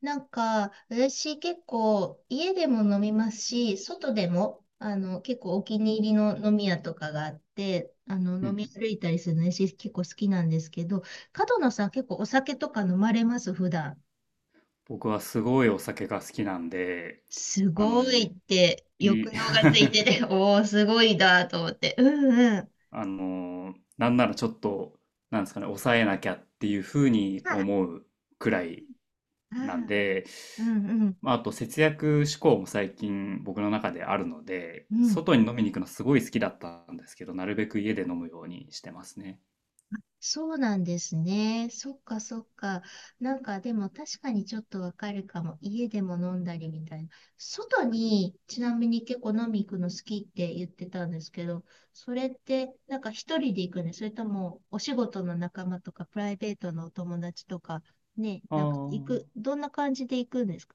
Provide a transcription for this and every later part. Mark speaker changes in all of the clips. Speaker 1: なんか、私結構家でも飲みますし、外でも、結構お気に入りの飲み屋とかがあって、
Speaker 2: うんう
Speaker 1: 飲み
Speaker 2: ん。
Speaker 1: 歩いたりするのね私結構好きなんですけど、角野さん結構お酒とか飲まれます、普段？
Speaker 2: 僕はすごいお酒が好きなんで、
Speaker 1: す
Speaker 2: あ
Speaker 1: ごい
Speaker 2: の、
Speaker 1: って、
Speaker 2: い、
Speaker 1: 抑 揚がついてて、おー、すごいだと思って。うんうん。
Speaker 2: なんならちょっと、なんですかね、抑えなきゃっていうふうに
Speaker 1: あ、
Speaker 2: 思うくらい
Speaker 1: あ、
Speaker 2: なんで、
Speaker 1: うんうん。
Speaker 2: あと節約志向も最近僕の中であるので、
Speaker 1: うん。
Speaker 2: 外に飲みに行くのすごい好きだったんですけど、なるべく家で飲むようにしてますね。
Speaker 1: そうなんですね。そっかそっか。なんかでも確かにちょっとわかるかも。家でも飲んだりみたいな。外にちなみに結構飲み行くの好きって言ってたんですけど、それってなんか一人で行くね。それともお仕事の仲間とかプライベートのお友達とかね、
Speaker 2: あ
Speaker 1: なんか行く、
Speaker 2: あ、
Speaker 1: どんな感じで行くんですか？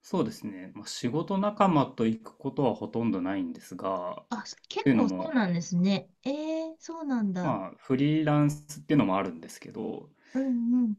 Speaker 2: そうですね。仕事仲間と行くことはほとんどないんですが、
Speaker 1: あ、
Speaker 2: と
Speaker 1: 結
Speaker 2: いうの
Speaker 1: 構そう
Speaker 2: も、
Speaker 1: なんですね。そうなんだ。
Speaker 2: フリーランスっていうのもあるんですけど、
Speaker 1: うんうん。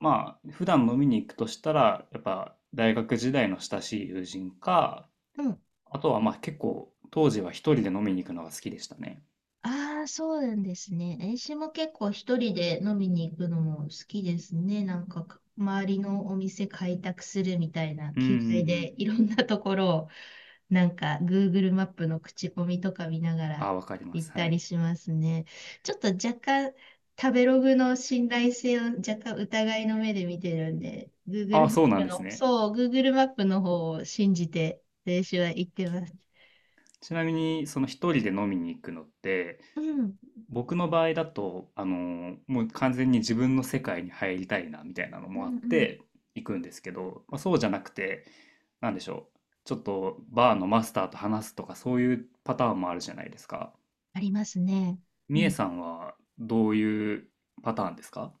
Speaker 2: 普段飲みに行くとしたら、やっぱ大学時代の親しい友人か、
Speaker 1: うん。
Speaker 2: あとはまあ結構当時は一人で飲みに行くのが好きでしたね。
Speaker 1: ああ、そうなんですね。私も結構一人で飲みに行くのも好きですね。なんかか、周りのお店開拓するみたいな
Speaker 2: うんうん
Speaker 1: 気
Speaker 2: う
Speaker 1: 概で、
Speaker 2: ん。
Speaker 1: いろんなところを、なんか、Google マップの口コミとか見ながら
Speaker 2: あ、わかりま
Speaker 1: 行っ
Speaker 2: す。は
Speaker 1: たり
Speaker 2: い。
Speaker 1: しますね。ちょっと若干、食べログの信頼性を若干疑いの目で見てるんで、Google
Speaker 2: あ、
Speaker 1: マ
Speaker 2: そう
Speaker 1: ッ
Speaker 2: なん
Speaker 1: プ
Speaker 2: です
Speaker 1: の、
Speaker 2: ね。
Speaker 1: そう、Google マップの方を信じて、練習は行ってます。
Speaker 2: ちなみに、その一人で飲みに行くのって、
Speaker 1: うん、
Speaker 2: 僕の場合だと、もう完全に自分の世界に入りたいなみたいなの
Speaker 1: うん、
Speaker 2: もあっ
Speaker 1: うん。
Speaker 2: て行くんですけど、まあ、そうじゃなくて、なんでしょう、ちょっとバーのマスターと話すとかそういうパターンもあるじゃないですか。
Speaker 1: ありますね。う
Speaker 2: みえ
Speaker 1: ん。
Speaker 2: さんはどういうパターンですか？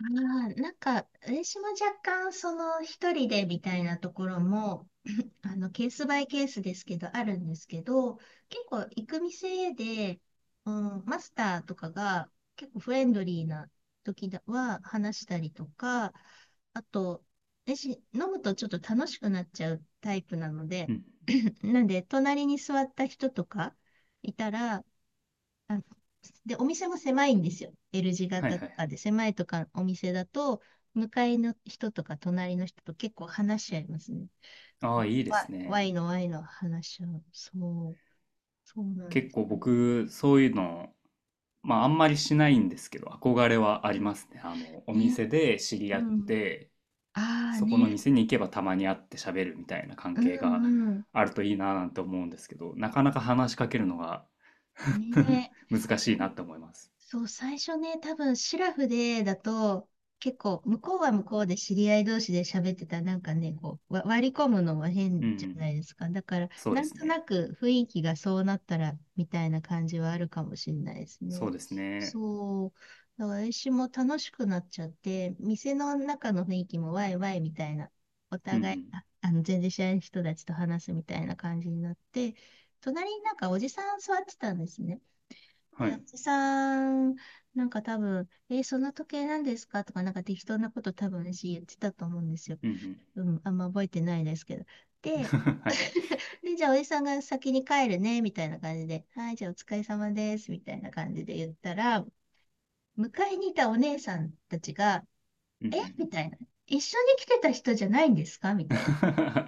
Speaker 1: なんか、私も若干、その、一人でみたいなところも、ケースバイケースですけど、あるんですけど、結構、行く店で、うん、マスターとかが、結構フレンドリーな時だは、話したりとか、あと、私、飲むとちょっと楽しくなっちゃうタイプなので、
Speaker 2: うん。
Speaker 1: なんで、隣に座った人とかいたら、あので、お店も狭いんですよ。L 字
Speaker 2: はい
Speaker 1: 型
Speaker 2: はい
Speaker 1: と
Speaker 2: は
Speaker 1: か
Speaker 2: い。
Speaker 1: で、狭いとかお店だと、向かいの人とか隣の人と結構話し合いますね。
Speaker 2: ああ、いいで
Speaker 1: わ
Speaker 2: す
Speaker 1: Y
Speaker 2: ね。
Speaker 1: の Y の話し合う。そう、そうなんで
Speaker 2: 結
Speaker 1: す
Speaker 2: 構
Speaker 1: ね。
Speaker 2: 僕、そういうの、まああんまりしないんですけど、憧れはあ
Speaker 1: う
Speaker 2: り
Speaker 1: ん。
Speaker 2: ますね。あの、お
Speaker 1: ね、
Speaker 2: 店で知り
Speaker 1: う
Speaker 2: 合っ
Speaker 1: ん。
Speaker 2: て、
Speaker 1: ああ
Speaker 2: そこの
Speaker 1: ね、
Speaker 2: 店に行けばたまに会って喋るみたいな関
Speaker 1: う
Speaker 2: 係が
Speaker 1: んうん。
Speaker 2: あるといいななんて思うんですけど、なかなか話しかけるのが
Speaker 1: ね。
Speaker 2: 難しいなって思います。
Speaker 1: そう、最初ね、多分シラフでだと、結構、向こうは向こうで知り合い同士で喋ってたら、なんかね、こう、割り込むのは変
Speaker 2: うんう
Speaker 1: じゃな
Speaker 2: ん。
Speaker 1: いですか。だから、
Speaker 2: そう
Speaker 1: な
Speaker 2: で
Speaker 1: ん
Speaker 2: す
Speaker 1: と
Speaker 2: ね。
Speaker 1: なく雰囲気がそうなったら、みたいな感じはあるかもしれないです
Speaker 2: そう
Speaker 1: ね。
Speaker 2: ですね。
Speaker 1: そう。だから私も楽しくなっちゃって、店の中の雰囲気もワイワイみたいな、お
Speaker 2: うんう
Speaker 1: 互い、あ、全然知らない人たちと話すみたいな感じになって、隣になんかおじさん座ってたんですね。
Speaker 2: ん。は
Speaker 1: で、お
Speaker 2: い。
Speaker 1: じさん、なんか多分、その時計なんですかとか、なんか適当なこと多分私言ってたと思うんですよ。
Speaker 2: うんう
Speaker 1: うん、あんま覚えてないですけど。
Speaker 2: ん。
Speaker 1: で、
Speaker 2: はい。
Speaker 1: で、じゃあおじさんが先に帰るね、みたいな感じで、はい、じゃあお疲れ様です、みたいな感じで言ったら、迎えにいたお姉さんたちが、
Speaker 2: うんう
Speaker 1: え
Speaker 2: ん。
Speaker 1: みたいな。一緒に来てた人じゃないんですか？みたいな。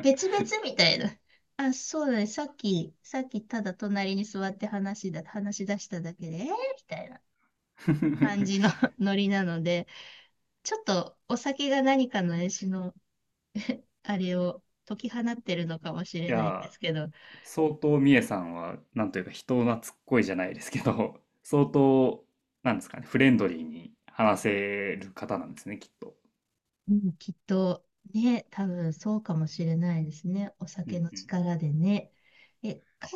Speaker 1: 別々みたいな。あ、そうだね。さっきただ隣に座って話し出しただけで、えみたいな。感じの ノリなので、ちょっとお酒が何かの絵師のあれを解き放ってるのかもしれ
Speaker 2: い
Speaker 1: ないで
Speaker 2: や
Speaker 1: すけど、
Speaker 2: ー、相当みえさんは、なんというか人懐っこいじゃないですけど、相当、なんですかね、フレンドリーに話せる方なんですね、きっと。
Speaker 1: うん、きっとね、多分そうかもしれないですね。お
Speaker 2: う
Speaker 1: 酒
Speaker 2: ん
Speaker 1: の
Speaker 2: うん。
Speaker 1: 力でね。え、か、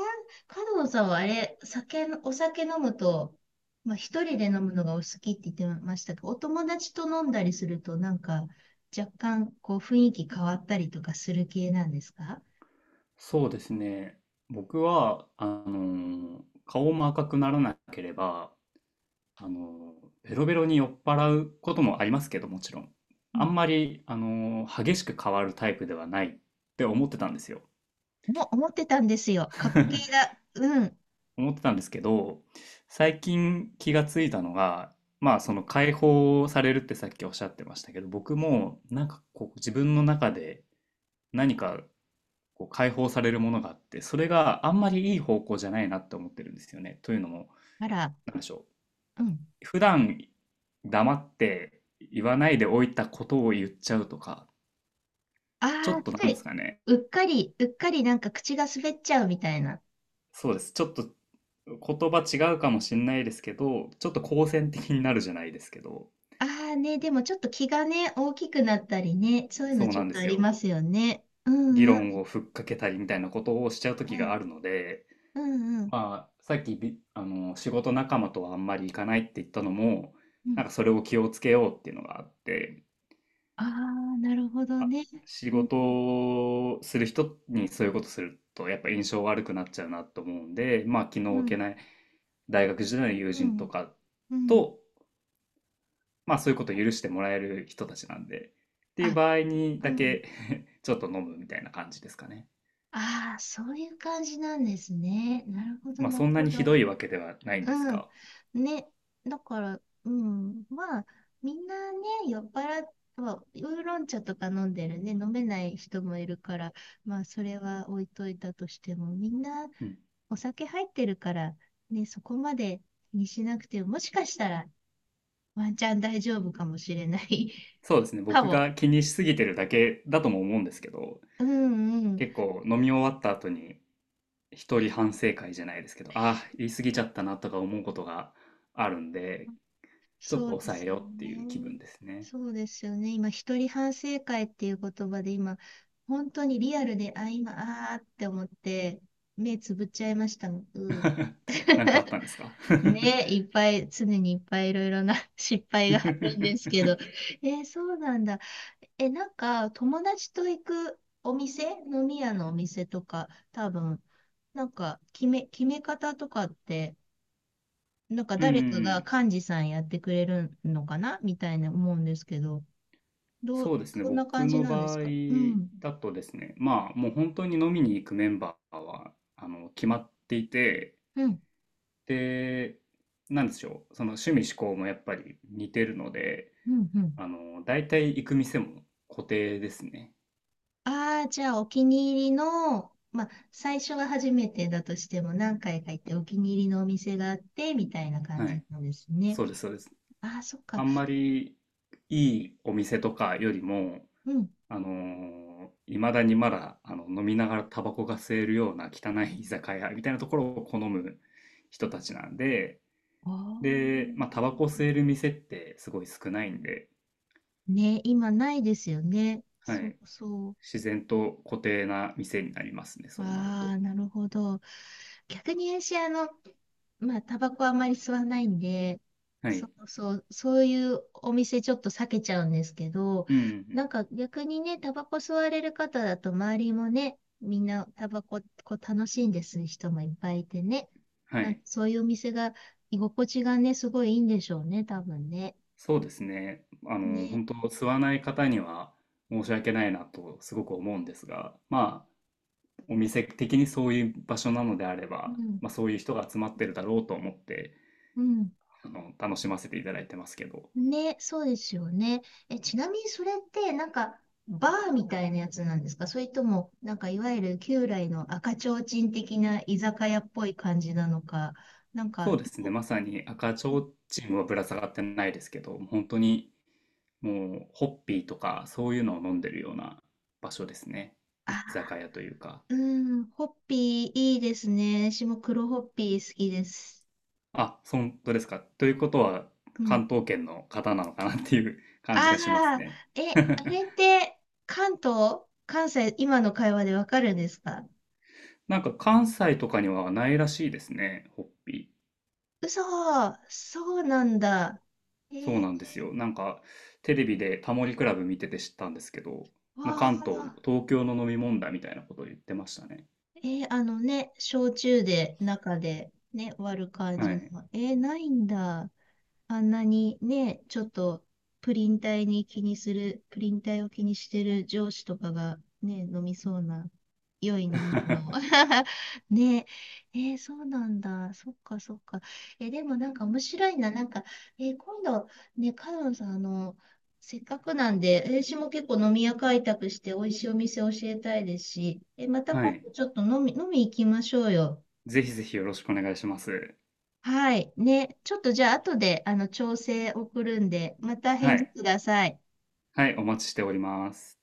Speaker 1: 角野さんはあれ、お酒飲むと、まあ、一人で飲むのがお好きって言ってましたけど、お友達と飲んだりすると、なんか、若干、こう、雰囲気変わったりとかする系なんですか？
Speaker 2: そうですね。僕は、あのー顔も赤くならなければ、あのーベロベロに酔っ払うこともありますけど、もちろん。あんまり、あのー激しく変わるタイプではないって思ってたんですよ。
Speaker 1: 思ってたんですよ。過去形 だ。うん。
Speaker 2: 思ってたんですけど、最近気がついたのが、まあ、その解放されるってさっきおっしゃってましたけど、僕も、なんかこう、自分の中で何かこう解放されるものがあって、それがあんまりいい方向じゃないなって思ってるんですよね。というのも、
Speaker 1: あら、
Speaker 2: なんでしょ
Speaker 1: うん。
Speaker 2: う。普段黙って言わないでおいたことを言っちゃうとか、
Speaker 1: あ
Speaker 2: ちょっ
Speaker 1: あ、
Speaker 2: とな
Speaker 1: つ
Speaker 2: んです
Speaker 1: い、
Speaker 2: かね。
Speaker 1: うっかり、うっかりなんか口が滑っちゃうみたいな。
Speaker 2: そうです。ちょっと言葉違うかもしれないですけど、ちょっと好戦的になるじゃないですけど、
Speaker 1: ああね、でもちょっと気がね、大きくなったりね、そういうの
Speaker 2: そう
Speaker 1: ちょっ
Speaker 2: なんで
Speaker 1: とあ
Speaker 2: す
Speaker 1: り
Speaker 2: よ。
Speaker 1: ますよね。う
Speaker 2: 議
Speaker 1: んう
Speaker 2: 論
Speaker 1: ん。
Speaker 2: をふっかけたりみたいなことをしちゃう時
Speaker 1: う
Speaker 2: がある
Speaker 1: ん。
Speaker 2: ので、
Speaker 1: うんうん。
Speaker 2: まあ、さっきび、あの、仕事仲間とはあんまり行かないって言ったのも、
Speaker 1: う
Speaker 2: なん
Speaker 1: ん。
Speaker 2: かそれを気をつけようっていうのがあって、
Speaker 1: ああ、なるほど
Speaker 2: あ、
Speaker 1: ね。
Speaker 2: 仕
Speaker 1: うん。
Speaker 2: 事をする人にそういうことするとやっぱ印象悪くなっちゃうなと思うんで、まあ気
Speaker 1: う
Speaker 2: の置け
Speaker 1: ん。
Speaker 2: ない大学時代の友
Speaker 1: う
Speaker 2: 人と
Speaker 1: ん。
Speaker 2: か
Speaker 1: うん。
Speaker 2: と、まあそういうことを許してもらえる人たちなんで、っていう
Speaker 1: あ、
Speaker 2: 場合に
Speaker 1: う
Speaker 2: だ
Speaker 1: ん。
Speaker 2: け ちょっと飲むみたいな感じですかね。
Speaker 1: ああ、そういう感じなんですね。なるほど、
Speaker 2: まあ
Speaker 1: なる
Speaker 2: そんな
Speaker 1: ほ
Speaker 2: に
Speaker 1: ど。
Speaker 2: ひどいわけではないんです
Speaker 1: うん。
Speaker 2: が、
Speaker 1: ね。だから、うん。まあ、みんなね、酔っ払っては、ウーロン茶とか飲んでるね、飲めない人もいるから、まあ、それは置いといたとしても、みんな
Speaker 2: うん。
Speaker 1: お酒入ってるから、ね、そこまで気にしなくても、もしかしたらワンチャン大丈夫かもしれない
Speaker 2: そうですね。
Speaker 1: か
Speaker 2: 僕
Speaker 1: も。
Speaker 2: が気にしすぎてるだけだとも思うんですけど、
Speaker 1: うんうん。
Speaker 2: 結構飲み終わった後に一人反省会じゃないですけど、ああー、言い過ぎちゃったなとか思うことがあるんで、ちょっと
Speaker 1: そうで
Speaker 2: 抑え
Speaker 1: すよ
Speaker 2: ようっていう気分
Speaker 1: ね。
Speaker 2: ですね。
Speaker 1: そうですよね。今、一人反省会っていう言葉で今、本当にリアルで、あ、今、あーって思って、目つぶっちゃいましたもん。
Speaker 2: なんかあっ たんですか？
Speaker 1: ね、いっぱい、常にいっぱいいろいろな 失敗が あるんですけど。そうなんだ。え、なんか、友達と行くお店、飲み屋のお店とか、多分、なんか、決め方とかって、なんか
Speaker 2: う
Speaker 1: 誰かが
Speaker 2: ん、
Speaker 1: 幹事さんやってくれるのかなみたいな思うんですけど、ど
Speaker 2: そ
Speaker 1: う、
Speaker 2: うですね。
Speaker 1: どんな感
Speaker 2: 僕
Speaker 1: じ
Speaker 2: の
Speaker 1: なんです
Speaker 2: 場合
Speaker 1: か？うん、
Speaker 2: だとですね、まあもう本当に飲みに行くメンバーはあの決まっていて、
Speaker 1: うん、
Speaker 2: で、なんでしょう、その趣味嗜好もやっぱり似てるので、
Speaker 1: うん、うん。
Speaker 2: あの大体行く店も固定ですね。
Speaker 1: ああ、じゃあお気に入りの、まあ、最初は初めてだとしても何回か行ってお気に入りのお店があって、みたいな感
Speaker 2: は
Speaker 1: じ
Speaker 2: い、
Speaker 1: なんですね。
Speaker 2: そうです、そうです。
Speaker 1: ああ、そっか。
Speaker 2: あんまりいいお店とかよりも、
Speaker 1: うん。
Speaker 2: あのいまだにまだあの飲みながらタバコが吸えるような汚い居酒屋みたいなところを好む人たちなんで、
Speaker 1: ああ、
Speaker 2: で、まあ、タバコ吸える店ってすごい少ないんで、
Speaker 1: ね、今ないですよね。
Speaker 2: は
Speaker 1: そう
Speaker 2: い、
Speaker 1: そう。
Speaker 2: 自然と固定な店になりますね、そうなる
Speaker 1: あ
Speaker 2: と。
Speaker 1: あ、なるほど。逆に私、まあ、タバコはあまり吸わないんで、
Speaker 2: は
Speaker 1: そ
Speaker 2: い。
Speaker 1: うそう、そういうお店ちょっと避けちゃうんですけど、
Speaker 2: うん。
Speaker 1: なんか逆にね、タバコ吸われる方だと周りもね、みんなタバコこう楽しんでする人もいっぱいいてね、
Speaker 2: は
Speaker 1: なんか
Speaker 2: い。
Speaker 1: そういうお店が居心地がね、すごいいいんでしょうね、多分ね。
Speaker 2: そうですね。あの、
Speaker 1: ね。
Speaker 2: 本当吸わない方には申し訳ないなとすごく思うんですが、まあ、お店的にそういう場所なのであれ
Speaker 1: う
Speaker 2: ば、
Speaker 1: ん。
Speaker 2: まあ、そういう人が集まってるだろうと思って、
Speaker 1: うん。
Speaker 2: あの、楽しませていただいてますけど。
Speaker 1: ね、そうですよね。え、ちなみにそれって、なんか、バーみたいなやつなんですか？それとも、なんか、いわゆる旧来の赤ちょうちん的な居酒屋っぽい感じなのか、なんか、
Speaker 2: そうですね、まさに赤ちょうちんはぶら下がってないですけど、本当に、もうホッピーとかそういうのを飲んでるような場所ですね。居
Speaker 1: あ、
Speaker 2: 酒屋というか。
Speaker 1: うん、ホッピーいいですね。私も黒ホッピー好きです。
Speaker 2: あ、そんとですか。ということは、
Speaker 1: うん。
Speaker 2: 関東圏の方なのかなっていう 感じがします
Speaker 1: ああ、
Speaker 2: ね。
Speaker 1: え、あれって、関東、関西、今の会話でわかるんですか？
Speaker 2: なんか関西とかにはないらしいですね、ホッピー。
Speaker 1: 嘘、そうなんだ。え
Speaker 2: そう
Speaker 1: ー、
Speaker 2: なんですよ。なんか、テレビでタモリクラブ見てて知ったんですけど、まあ、
Speaker 1: わ
Speaker 2: 関東、
Speaker 1: あ。
Speaker 2: 東京の飲み問題みたいなことを言ってましたね。
Speaker 1: あのね、焼酎で、中でね、割る感
Speaker 2: は
Speaker 1: じの。
Speaker 2: い。
Speaker 1: ないんだ。あんなにね、ちょっとプリン体を気にしてる上司とかがね、飲みそうな、良い飲み物。ねえ、そうなんだ。そっかそっか。でもなんか面白いな。なんか、今度、ね、カノンさん、せっかくなんで、私も結構飲み屋開拓して美味しいお店教えたいですし、また
Speaker 2: は
Speaker 1: 今
Speaker 2: い。
Speaker 1: 度ちょっと飲み行きましょうよ。
Speaker 2: ぜひぜひよろしくお願いします。
Speaker 1: はい。ね。ちょっとじゃあ、後で、調整送るんで、また
Speaker 2: は
Speaker 1: 返事
Speaker 2: い。
Speaker 1: ください。
Speaker 2: はい、お待ちしております。